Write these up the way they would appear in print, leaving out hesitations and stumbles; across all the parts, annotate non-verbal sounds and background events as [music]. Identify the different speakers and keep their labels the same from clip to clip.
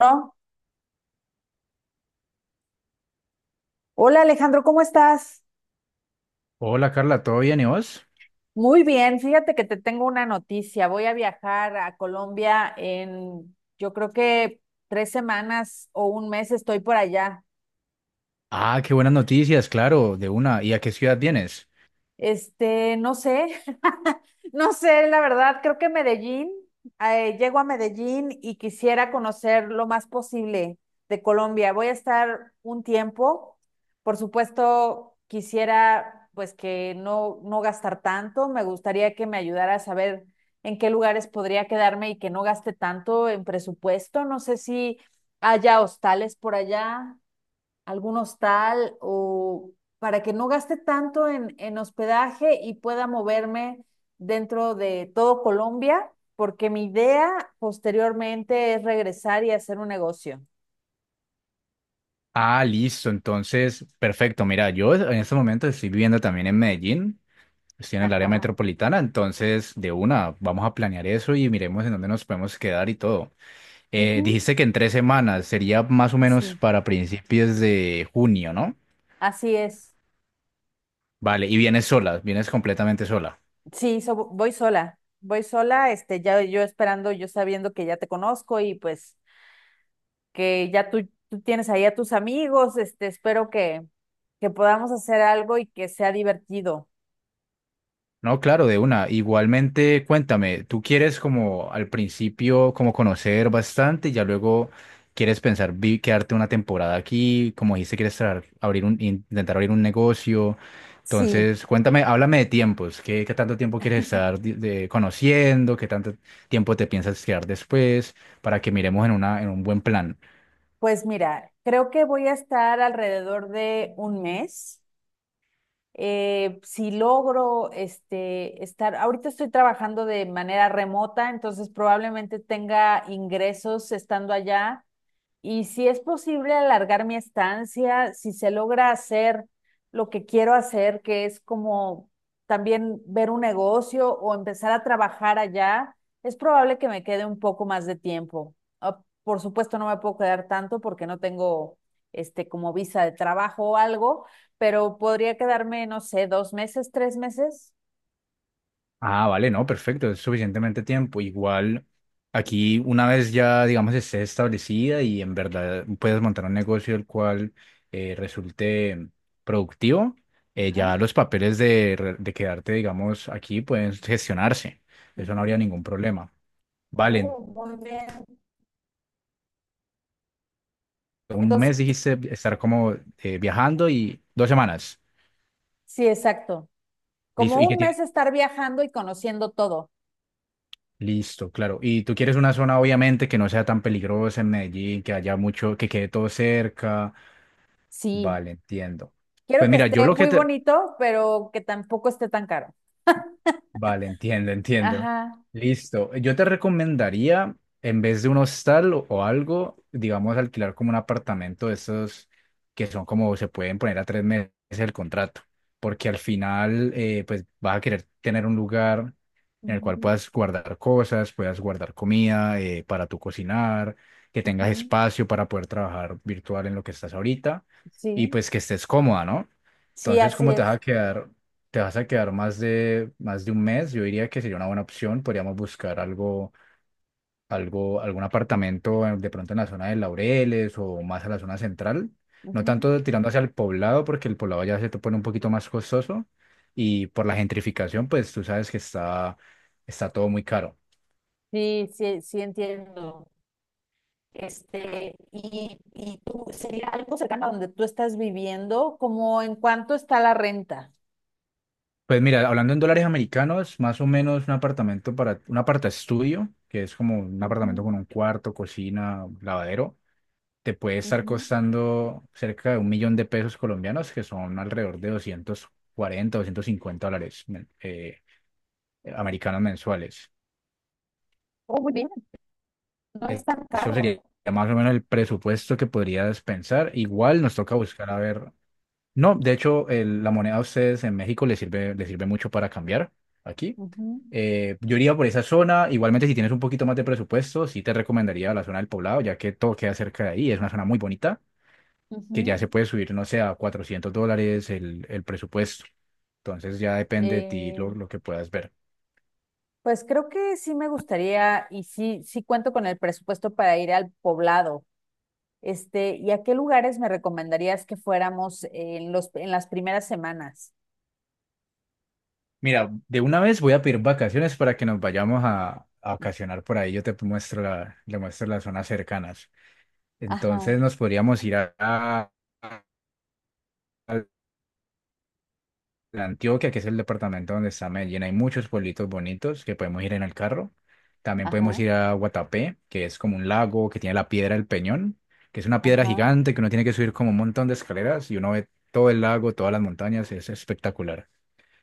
Speaker 1: No. Hola Alejandro, ¿cómo estás?
Speaker 2: Hola Carla, ¿todo bien y vos?
Speaker 1: Muy bien, fíjate que te tengo una noticia. Voy a viajar a Colombia en, yo creo que 3 semanas o un mes estoy por allá.
Speaker 2: Ah, qué buenas noticias, claro, de una. ¿Y a qué ciudad vienes?
Speaker 1: No sé, [laughs] no sé, la verdad, creo que Medellín. Llego a Medellín y quisiera conocer lo más posible de Colombia. Voy a estar un tiempo, por supuesto, quisiera pues que no, no gastar tanto, me gustaría que me ayudara a saber en qué lugares podría quedarme y que no gaste tanto en presupuesto. No sé si haya hostales por allá, algún hostal o para que no gaste tanto en hospedaje y pueda moverme dentro de todo Colombia, porque mi idea posteriormente es regresar y hacer un negocio.
Speaker 2: Ah, listo, entonces, perfecto. Mira, yo en este momento estoy viviendo también en Medellín, estoy en el área
Speaker 1: Ajá.
Speaker 2: metropolitana, entonces de una, vamos a planear eso y miremos en dónde nos podemos quedar y todo. Eh,
Speaker 1: Ujú,
Speaker 2: dijiste que en 3 semanas, sería más o menos
Speaker 1: sí,
Speaker 2: para principios de junio, ¿no?
Speaker 1: así es.
Speaker 2: Vale, y vienes sola, vienes completamente sola.
Speaker 1: Sí, voy sola, ya yo esperando, yo sabiendo que ya te conozco y pues que ya tú tienes ahí a tus amigos. Espero que podamos hacer algo y que sea divertido.
Speaker 2: No, claro, de una. Igualmente, cuéntame, tú quieres como al principio como conocer bastante, ya luego quieres pensar quedarte una temporada aquí, como dijiste, quieres intentar abrir un negocio.
Speaker 1: Sí.
Speaker 2: Entonces, cuéntame, háblame de tiempos, ¿qué tanto tiempo quieres estar conociendo? ¿Qué tanto tiempo te piensas quedar después? Para que miremos en un buen plan.
Speaker 1: Pues mira, creo que voy a estar alrededor de un mes. Si logro estar, ahorita estoy trabajando de manera remota, entonces probablemente tenga ingresos estando allá, y si es posible alargar mi estancia, si se logra hacer lo que quiero hacer, que es como también ver un negocio o empezar a trabajar allá, es probable que me quede un poco más de tiempo. Ah, por supuesto, no me puedo quedar tanto porque no tengo como visa de trabajo o algo, pero podría quedarme, no sé, 2 meses, 3 meses.
Speaker 2: Ah, vale, no, perfecto, es suficientemente tiempo. Igual aquí una vez ya, digamos, esté establecida y en verdad puedes montar un negocio el cual resulte productivo,
Speaker 1: Ajá.
Speaker 2: ya los papeles de quedarte, digamos, aquí pueden gestionarse. Eso no
Speaker 1: Ujú.
Speaker 2: habría ningún problema. Vale,
Speaker 1: Oh, muy bien.
Speaker 2: un
Speaker 1: Entonces,
Speaker 2: mes dijiste estar como viajando y 2 semanas.
Speaker 1: sí, exacto.
Speaker 2: Listo,
Speaker 1: Como
Speaker 2: ¿y qué
Speaker 1: un
Speaker 2: tiene?
Speaker 1: mes estar viajando y conociendo todo.
Speaker 2: Listo, claro. Y tú quieres una zona, obviamente, que no sea tan peligrosa en Medellín, que haya mucho, que quede todo cerca.
Speaker 1: Sí,
Speaker 2: Vale, entiendo.
Speaker 1: quiero
Speaker 2: Pues
Speaker 1: que
Speaker 2: mira, yo
Speaker 1: esté
Speaker 2: lo que
Speaker 1: muy
Speaker 2: te.
Speaker 1: bonito, pero que tampoco esté tan caro.
Speaker 2: Vale, entiendo, entiendo.
Speaker 1: Ajá,
Speaker 2: Listo. Yo te recomendaría, en vez de un hostal o algo, digamos, alquilar como un apartamento de esos que son como se pueden poner a 3 meses el contrato, porque al final, pues vas a querer tener un lugar en el cual
Speaker 1: ujú,
Speaker 2: puedas guardar cosas, puedas guardar comida para tu cocinar, que tengas
Speaker 1: ujú,
Speaker 2: espacio para poder trabajar virtual en lo que estás ahorita y
Speaker 1: sí,
Speaker 2: pues que estés cómoda, ¿no?
Speaker 1: sí,
Speaker 2: Entonces,
Speaker 1: así
Speaker 2: ¿cómo te vas
Speaker 1: es.
Speaker 2: a quedar? Te vas a quedar más de un mes, yo diría que sería una buena opción. Podríamos buscar algún apartamento de pronto en la zona de Laureles o más a la zona central. No
Speaker 1: Ujú.
Speaker 2: tanto tirando hacia el Poblado, porque el Poblado ya se te pone un poquito más costoso. Y por la gentrificación, pues tú sabes que está todo muy caro.
Speaker 1: Sí, sí, sí entiendo. Y tú, ¿sería algo cercano a donde tú estás viviendo? ¿Cómo en cuánto está la renta?
Speaker 2: Pues mira, hablando en dólares americanos, más o menos un aparta estudio, que es como un
Speaker 1: Ujú,
Speaker 2: apartamento con un cuarto, cocina, lavadero. Te puede estar
Speaker 1: ujú.
Speaker 2: costando cerca de 1 millón de pesos colombianos, que son alrededor de doscientos US$250 americanos mensuales.
Speaker 1: Oh, muy bien, no es
Speaker 2: Eh,
Speaker 1: tan
Speaker 2: Eso
Speaker 1: caro.
Speaker 2: sería más o menos el presupuesto que podrías pensar. Igual nos toca buscar a ver. No, de hecho, la moneda a ustedes en México les sirve mucho para cambiar aquí. Yo iría por esa zona. Igualmente, si tienes un poquito más de presupuesto, sí te recomendaría la zona del Poblado, ya que todo queda cerca de ahí. Es una zona muy bonita.
Speaker 1: Ujú, ujú.
Speaker 2: Que ya se puede subir, no sé, a US$400 el presupuesto. Entonces ya depende de ti
Speaker 1: Eh,
Speaker 2: lo que puedas ver.
Speaker 1: pues creo que sí me gustaría y sí, sí cuento con el presupuesto para ir al poblado. ¿Y a qué lugares me recomendarías que fuéramos en en las primeras semanas?
Speaker 2: Mira, de una vez voy a pedir vacaciones para que nos vayamos a vacacionar por ahí. Yo te muestro le muestro las zonas cercanas.
Speaker 1: Ajá,
Speaker 2: Entonces nos podríamos ir a- de Antioquia, que es el departamento donde está Medellín, hay muchos pueblitos bonitos que podemos ir en el carro. También podemos
Speaker 1: ajá,
Speaker 2: ir a Guatapé, que es como un lago que tiene la piedra del Peñón, que es una piedra
Speaker 1: ajá,
Speaker 2: gigante que uno tiene que subir como un montón de escaleras y uno ve todo el lago, todas las montañas, es espectacular.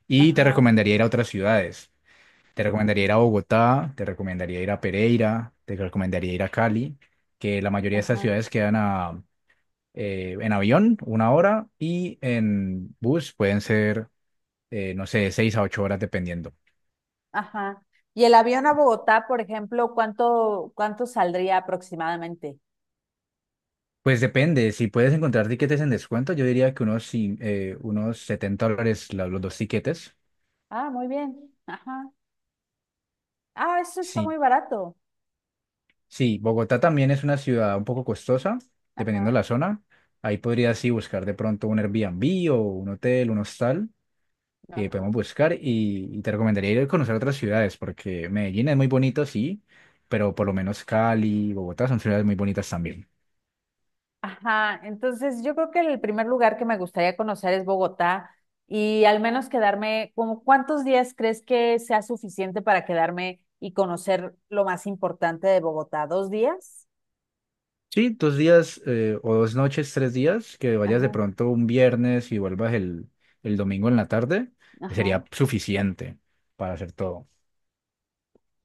Speaker 2: Y te
Speaker 1: ajá,
Speaker 2: recomendaría ir a otras ciudades. Te recomendaría ir a Bogotá, te recomendaría ir a Pereira, te recomendaría ir a Cali, que la mayoría de estas
Speaker 1: ajá,
Speaker 2: ciudades quedan en avión una hora y en bus pueden ser no sé, 6 a 8 horas dependiendo.
Speaker 1: ajá. ¿Y el avión a Bogotá, por ejemplo, cuánto saldría aproximadamente?
Speaker 2: Pues depende, si puedes encontrar tiquetes en descuento, yo diría que sí, unos US$70 los dos tiquetes.
Speaker 1: Ah, muy bien. Ajá. Ah, eso está
Speaker 2: Sí,
Speaker 1: muy barato.
Speaker 2: sí, Bogotá también es una ciudad un poco costosa, dependiendo de
Speaker 1: Ajá.
Speaker 2: la zona. Ahí podrías sí buscar de pronto un Airbnb o un hotel, un hostal, que podemos
Speaker 1: Ajá.
Speaker 2: buscar y te recomendaría ir a conocer otras ciudades, porque Medellín es muy bonito, sí, pero por lo menos Cali, Bogotá son ciudades muy bonitas también.
Speaker 1: Ajá, entonces yo creo que el primer lugar que me gustaría conocer es Bogotá y al menos quedarme, ¿como cuántos días crees que sea suficiente para quedarme y conocer lo más importante de Bogotá? ¿2 días?
Speaker 2: Sí, 2 días o 2 noches, 3 días, que vayas de
Speaker 1: Ajá,
Speaker 2: pronto un viernes y vuelvas el domingo en la tarde,
Speaker 1: ajá.
Speaker 2: sería suficiente para hacer todo.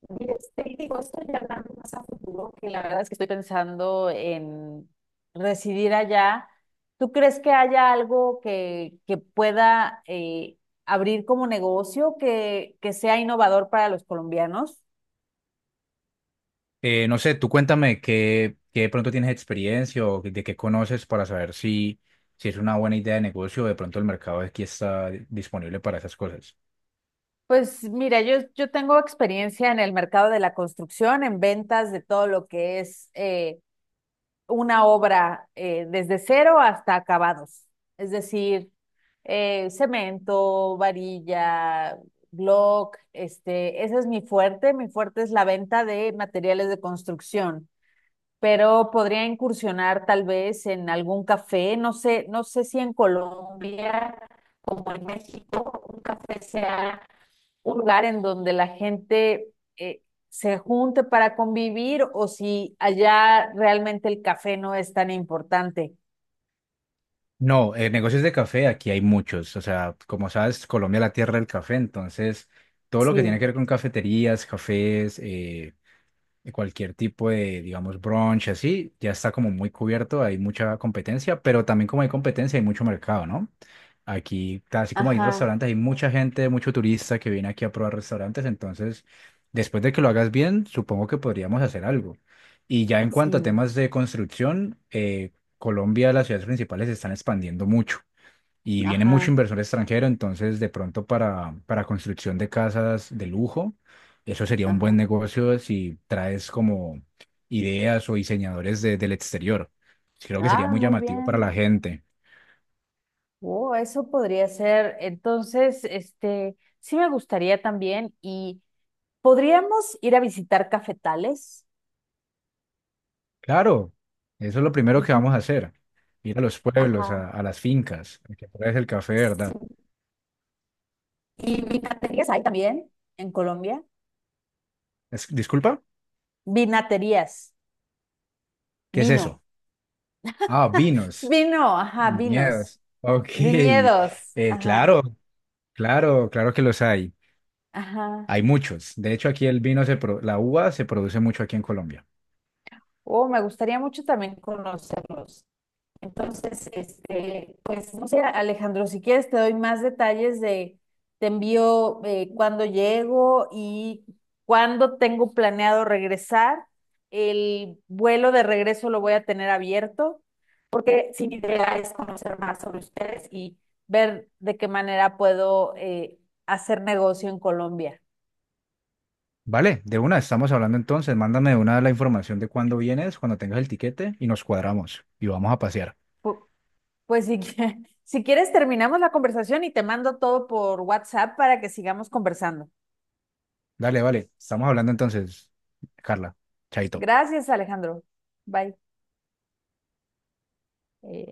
Speaker 1: Y digo, esto ya hablando más a futuro, que la verdad es que estoy pensando en residir allá. ¿Tú crees que haya algo que pueda abrir como negocio que sea innovador para los colombianos?
Speaker 2: No sé, tú cuéntame qué de pronto tienes experiencia o de qué conoces para saber si es una buena idea de negocio o de pronto el mercado aquí está disponible para esas cosas.
Speaker 1: Pues mira, yo tengo experiencia en el mercado de la construcción, en ventas de todo lo que es una obra desde cero hasta acabados. Es decir, cemento, varilla, block. Ese es mi fuerte. Mi fuerte es la venta de materiales de construcción, pero podría incursionar tal vez en algún café, no sé, no sé si en Colombia como en México, un café sea un lugar en donde la gente eh, se junte para convivir, o si allá realmente el café no es tan importante.
Speaker 2: No, negocios de café aquí hay muchos. O sea, como sabes, Colombia es la tierra del café, entonces todo lo que tiene que
Speaker 1: Sí,
Speaker 2: ver con cafeterías, cafés, de cualquier tipo de, digamos, brunch, así, ya está como muy cubierto, hay mucha competencia, pero también como hay competencia, hay mucho mercado, ¿no? Aquí, así como hay
Speaker 1: ajá,
Speaker 2: restaurantes, hay mucha gente, mucho turista que viene aquí a probar restaurantes, entonces, después de que lo hagas bien, supongo que podríamos hacer algo. Y ya en cuanto a
Speaker 1: sí,
Speaker 2: temas de construcción, Colombia, las ciudades principales se están expandiendo mucho y viene mucho
Speaker 1: ajá,
Speaker 2: inversor extranjero, entonces de pronto para construcción de casas de lujo, eso sería un
Speaker 1: ajá.
Speaker 2: buen negocio si traes como ideas o diseñadores del exterior. Creo que sería
Speaker 1: Ah,
Speaker 2: muy
Speaker 1: muy
Speaker 2: llamativo para la
Speaker 1: bien.
Speaker 2: gente.
Speaker 1: Oh, eso podría ser. Entonces, sí me gustaría también, y podríamos ir a visitar cafetales.
Speaker 2: Claro, eso es lo primero que vamos a
Speaker 1: Ujú,
Speaker 2: hacer, ir a los pueblos,
Speaker 1: ajá.
Speaker 2: a las fincas, a que pruebes el café,
Speaker 1: Sí.
Speaker 2: ¿verdad?
Speaker 1: Y vinaterías hay también en Colombia.
Speaker 2: Disculpa,
Speaker 1: Vinaterías,
Speaker 2: ¿qué es
Speaker 1: vino,
Speaker 2: eso? Ah, vinos,
Speaker 1: vino, ajá, vinos,
Speaker 2: viñedos. Ok,
Speaker 1: viñedos, ajá,
Speaker 2: Claro, claro, claro que los hay.
Speaker 1: ajá.
Speaker 2: Hay muchos. De hecho, aquí el vino, la uva se produce mucho aquí en Colombia.
Speaker 1: Oh, me gustaría mucho también conocerlos. Entonces, pues no sé, Alejandro, si quieres te doy más detalles de, te envío cuándo llego y cuándo tengo planeado regresar. El vuelo de regreso lo voy a tener abierto, porque sí, mi idea es conocer más sobre ustedes y ver de qué manera puedo hacer negocio en Colombia.
Speaker 2: Vale, de una, estamos hablando entonces. Mándame de una la información de cuándo vienes, cuando tengas el tiquete y nos cuadramos y vamos a pasear.
Speaker 1: Pu- Pues si, [laughs] si quieres, terminamos la conversación y te mando todo por WhatsApp para que sigamos conversando.
Speaker 2: Dale, vale, estamos hablando entonces, Carla. Chaito.
Speaker 1: Gracias, Alejandro. Bye. Eh,